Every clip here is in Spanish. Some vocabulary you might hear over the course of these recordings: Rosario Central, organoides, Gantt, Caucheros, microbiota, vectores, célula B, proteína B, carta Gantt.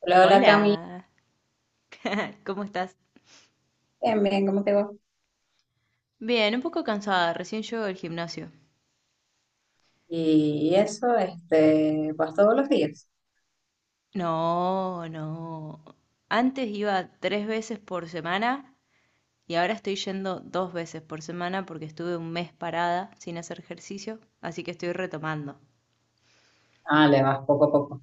Hola, hola, Cami. Hola, ¿cómo estás? Bien, bien, ¿cómo te va? Bien, un poco cansada, recién llego del gimnasio. Y eso, ¿vas todos los días? No, no. Antes iba tres veces por semana y ahora estoy yendo dos veces por semana porque estuve un mes parada sin hacer ejercicio, así que estoy retomando. Ah, le vas poco a poco.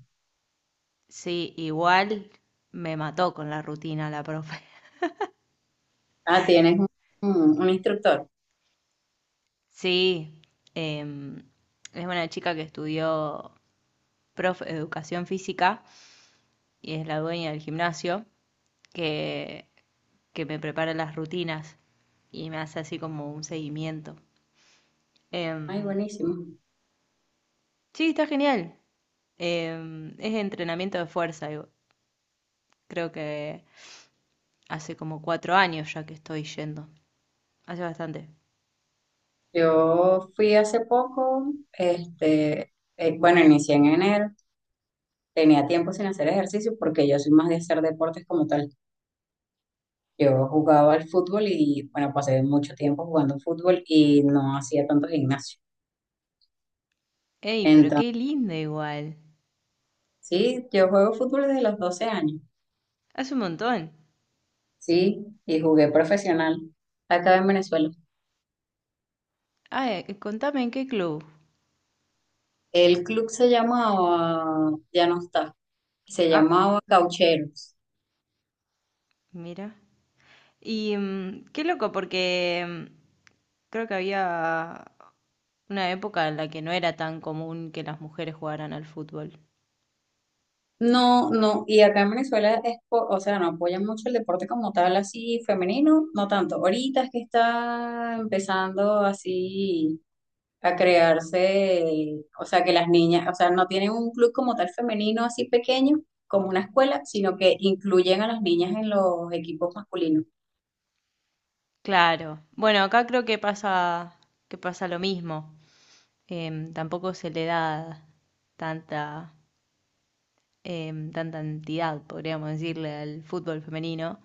Sí, igual me mató con la rutina la profe. Ah, tienes un instructor. Sí, em, es una chica que estudió profe, educación física y es la dueña del gimnasio. que, que me prepara las rutinas y me hace así como un seguimiento. Ay, Em, buenísimo. sí, está genial. Es entrenamiento de fuerza y creo que hace como 4 años ya que estoy yendo. Hace bastante. Yo fui hace poco, este, bueno, inicié en enero. Tenía tiempo sin hacer ejercicio porque yo soy más de hacer deportes como tal. Yo jugaba al fútbol y, bueno, pasé mucho tiempo jugando fútbol y no hacía tanto gimnasio. Ey, pero Entonces, qué lindo igual. sí, yo juego fútbol desde los 12 años. Hace un montón. Sí, y jugué profesional acá en Venezuela. Ah, contame en qué club. El club se llamaba, ya no está, se Ah, llamaba Caucheros. mira. Y qué loco, porque creo que había una época en la que no era tan común que las mujeres jugaran al fútbol. No, no, y acá en Venezuela es, o sea, no apoyan mucho el deporte como tal, así femenino, no tanto. Ahorita es que está empezando así a crearse, o sea, que las niñas, o sea, no tienen un club como tal femenino así pequeño, como una escuela, sino que incluyen a las niñas en los equipos masculinos. Claro. Bueno, acá creo que pasa lo mismo. Tampoco se le da tanta, tanta entidad, podríamos decirle, al fútbol femenino.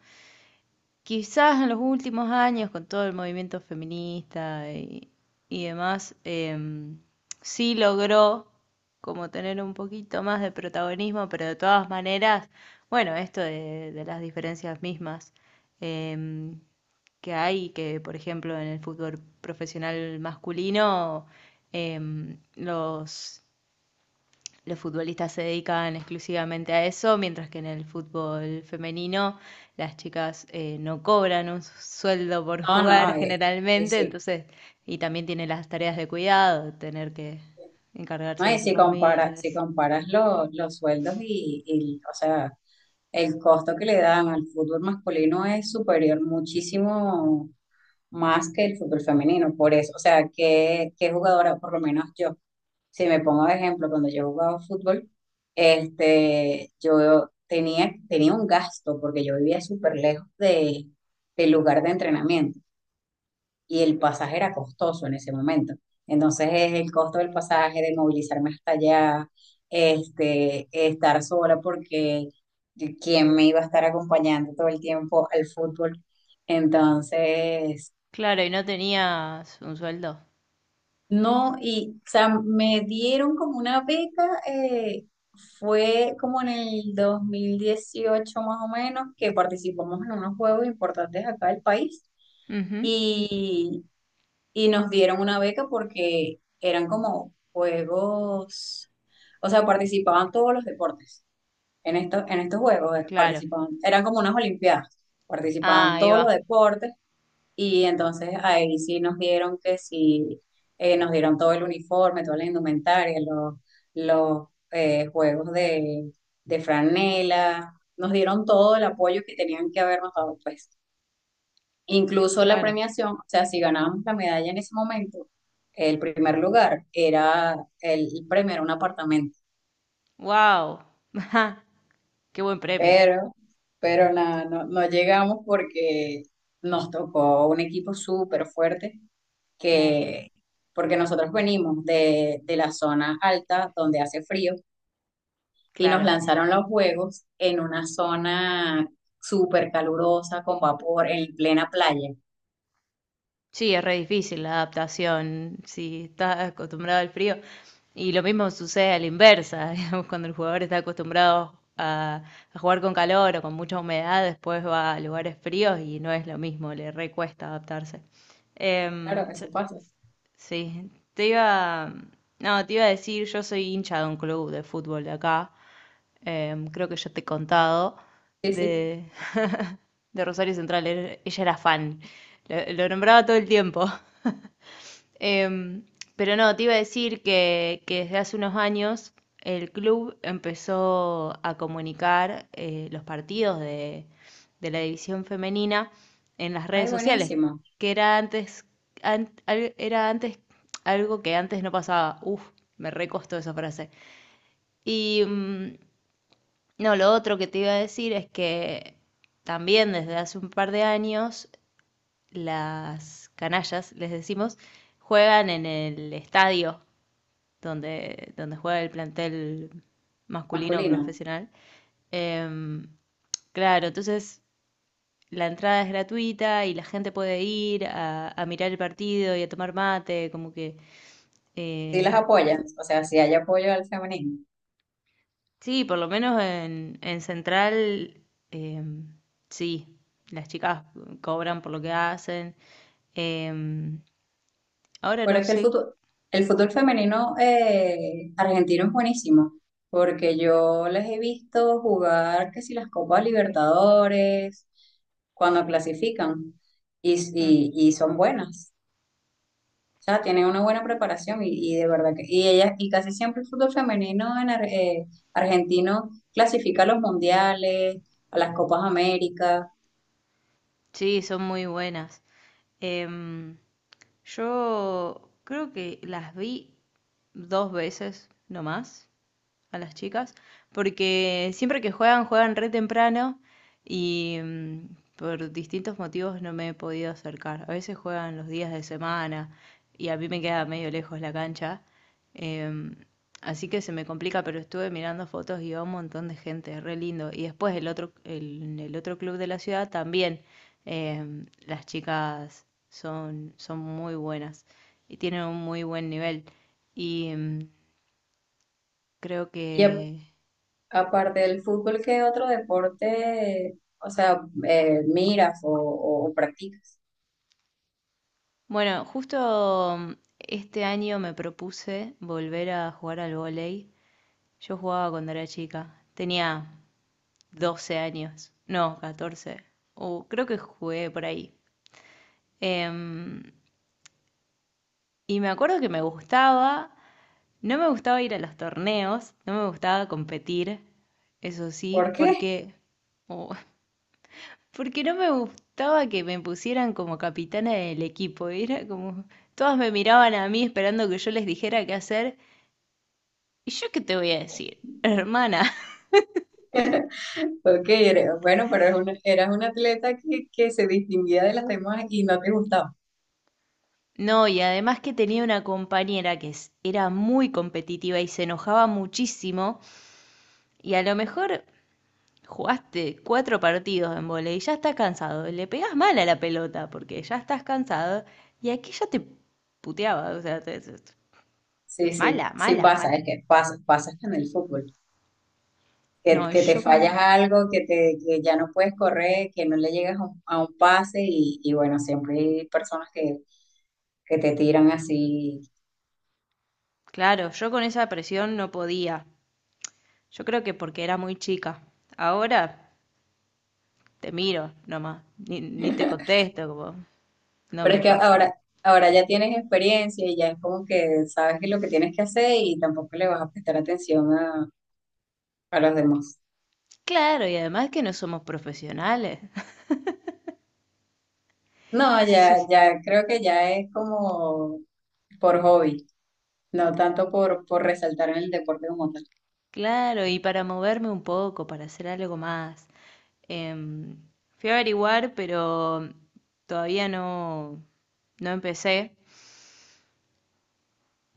Quizás en los últimos años, con todo el movimiento feminista y demás, sí logró como tener un poquito más de protagonismo, pero de todas maneras, bueno, esto de las diferencias mismas em, que hay, que por ejemplo en el fútbol profesional masculino, em, los los futbolistas se dedican exclusivamente a eso, mientras que en el fútbol femenino las chicas no cobran un sueldo por No, jugar no, generalmente, sí. entonces, y también tienen las tareas de cuidado, tener que encargarse ¿No? de Y sus si comparas si familias. comparas los sueldos o sea, el costo que le dan al fútbol masculino es superior muchísimo más que el fútbol femenino. Por eso, o sea, ¿que qué jugadora? Por lo menos yo, si me pongo de ejemplo, cuando yo jugaba fútbol, yo tenía un gasto porque yo vivía súper lejos del lugar de entrenamiento y el pasaje era costoso en ese momento. Entonces es el costo del pasaje, de movilizarme hasta allá, estar sola porque quién me iba a estar acompañando todo el tiempo al fútbol. Entonces, Claro, y no tenías un sueldo. no, y o sea, me dieron como una beca, fue como en el 2018 más o menos, que participamos en unos juegos importantes acá del país. Ujú, Y y nos dieron una beca porque eran como juegos, o sea, participaban todos los deportes en estos juegos, claro. participaban, eran como unas olimpiadas, Ah, participaban ahí todos los va. deportes. Y entonces ahí sí nos dieron que sí, nos dieron todo el uniforme, toda la indumentaria, los juegos de franela, nos dieron todo el apoyo que tenían que habernos dado, pues. Incluso la Claro. premiación, o sea, si ganábamos la medalla en ese momento, el primer lugar era el premio, era un apartamento. Wow. Qué buen premio. Pero, pero nada, no, no llegamos porque nos tocó un equipo súper fuerte Mm. que, porque nosotros venimos de la zona alta donde hace frío y nos Claro. lanzaron los juegos en una zona súper calurosa, con vapor, en plena playa. Sí, es re difícil la adaptación si estás acostumbrado al frío. Y lo mismo sucede a la inversa, digamos, cuando el jugador está acostumbrado a jugar con calor o con mucha humedad, después va a lugares fríos y no es lo mismo, le recuesta adaptarse. Em, Claro, eso pasa. Sí, te iba, no, te iba a decir, yo soy hincha de un club de fútbol de acá, creo que yo te he contado, Sí, sí. de, de Rosario Central, ella era fan, lo nombraba todo el tiempo. Em, pero no, te iba a decir que desde hace unos años el club empezó a comunicar los partidos de la división femenina en las redes Ay, sociales buenísimo. que era antes algo que antes no pasaba. Uf, me recostó esa frase. Y no, lo otro que te iba a decir es que también desde hace un par de años las canallas, les decimos, juegan en el estadio donde juega el plantel masculino Masculino. profesional. Em, claro, entonces la entrada es gratuita y la gente puede ir a mirar el partido y a tomar mate, como que... Sí las eh, apoyas, o sea, sí hay apoyo al feminismo. sí, por lo menos en Central, eh, sí, las chicas cobran por lo que hacen. Em, ahora Pero no es que sé, el fútbol femenino argentino es buenísimo, porque yo les he visto jugar que si las Copas Libertadores, cuando clasifican, y, mm, y, y son buenas. O sea, tienen una buena preparación y de verdad que, y ellas, y casi siempre el fútbol femenino en argentino clasifica a los mundiales, a las Copas América. sí, son muy buenas. Em, yo creo que las vi dos veces nomás a las chicas, porque siempre que juegan, juegan re temprano y por distintos motivos no me he podido acercar. A veces juegan los días de semana y a mí me queda medio lejos la cancha, em, así que se me complica, pero estuve mirando fotos y va un montón de gente, re lindo. Y después el otro, el otro club de la ciudad también, las chicas son muy buenas y tienen un muy buen nivel. Y creo que Aparte del fútbol, ¿qué otro deporte, o sea, miras o practicas? bueno, justo este año me propuse volver a jugar al vóley. Yo jugaba cuando era chica. Tenía 12 años. No, 14, o creo que jugué por ahí. Em, y me acuerdo que me gustaba. No me gustaba ir a los torneos. No me gustaba competir. Eso sí, ¿Por qué? porque... oh, porque no me gustaba que me pusieran como capitana del equipo. Era como... Todas me miraban a mí esperando que yo les dijera qué hacer. ¿Y yo qué te voy a decir? Hermana. Ok, bueno, pero eras una atleta que se distinguía de las demás y no te gustaba. No, y además que tenía una compañera que era muy competitiva y se enojaba muchísimo. Y a lo mejor jugaste cuatro partidos en vóley y ya estás cansado. Le pegás mal a la pelota porque ya estás cansado. Y aquí ya te puteaba. O sea, Sí, mala, sí, sí mala, pasa, mala. es que pasa, pasa hasta en el fútbol. Que, No, y que te yo fallas con. algo, que ya no puedes correr, que no le llegas a un pase y bueno, siempre hay personas que te tiran así. Claro, yo con esa presión no podía. Yo creo que porque era muy chica. Ahora te miro nomás. Ni te contesto, como. No Pero es me que pasa. ahora ya tienes experiencia y ya es como que sabes que lo que tienes que hacer y tampoco le vas a prestar atención a los demás. Claro, y además que no somos profesionales. No, Sí, ya, sí. ya creo que ya es como por hobby, no tanto por resaltar en el deporte como tal. Claro, y para moverme un poco, para hacer algo más. em, fui a averiguar, pero todavía no, no empecé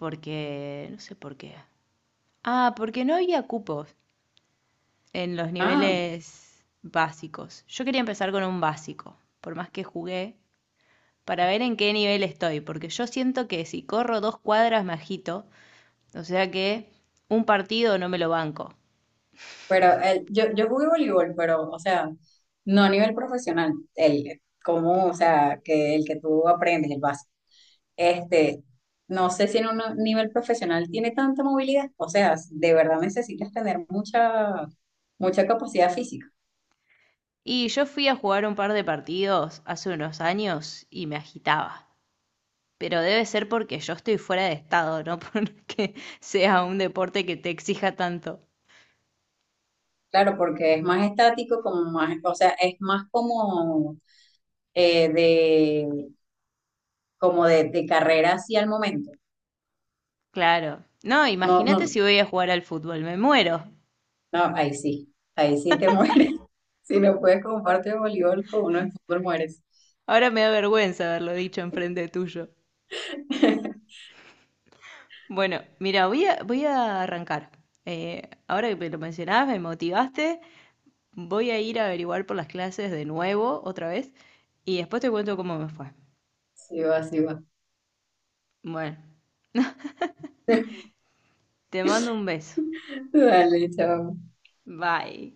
porque, no sé por qué. Ah, porque no había cupos en los Ah, niveles básicos. Yo quería empezar con un básico, por más que jugué, para ver en qué nivel estoy, porque yo siento que si corro 2 cuadras me agito. O sea que un partido no me lo banco. pero yo jugué voleibol, pero, o sea, no a nivel profesional, o sea, que el que tú aprendes, el básico. Este, no sé si en un nivel profesional tiene tanta movilidad, o sea, de verdad necesitas tener mucha, mucha capacidad física, Y yo fui a jugar un par de partidos hace unos años y me agitaba. Pero debe ser porque yo estoy fuera de estado, no porque sea un deporte que te exija tanto. claro, porque es más estático, como más, o sea, es más como eh, de, como de carrera así al momento. Claro. No, No, imagínate no, si voy a jugar al fútbol, me muero. no, ahí sí te mueres. Si no puedes compartir voleibol con uno en fútbol, mueres. Ahora me da vergüenza haberlo dicho enfrente tuyo. Bueno, mira, voy a arrancar. Ahora que me lo mencionabas, me motivaste. Voy a ir a averiguar por las clases de nuevo, otra vez, y después te cuento cómo me fue. Sí va, sí va. Bueno, te mando un beso. Dale, chao. Bye.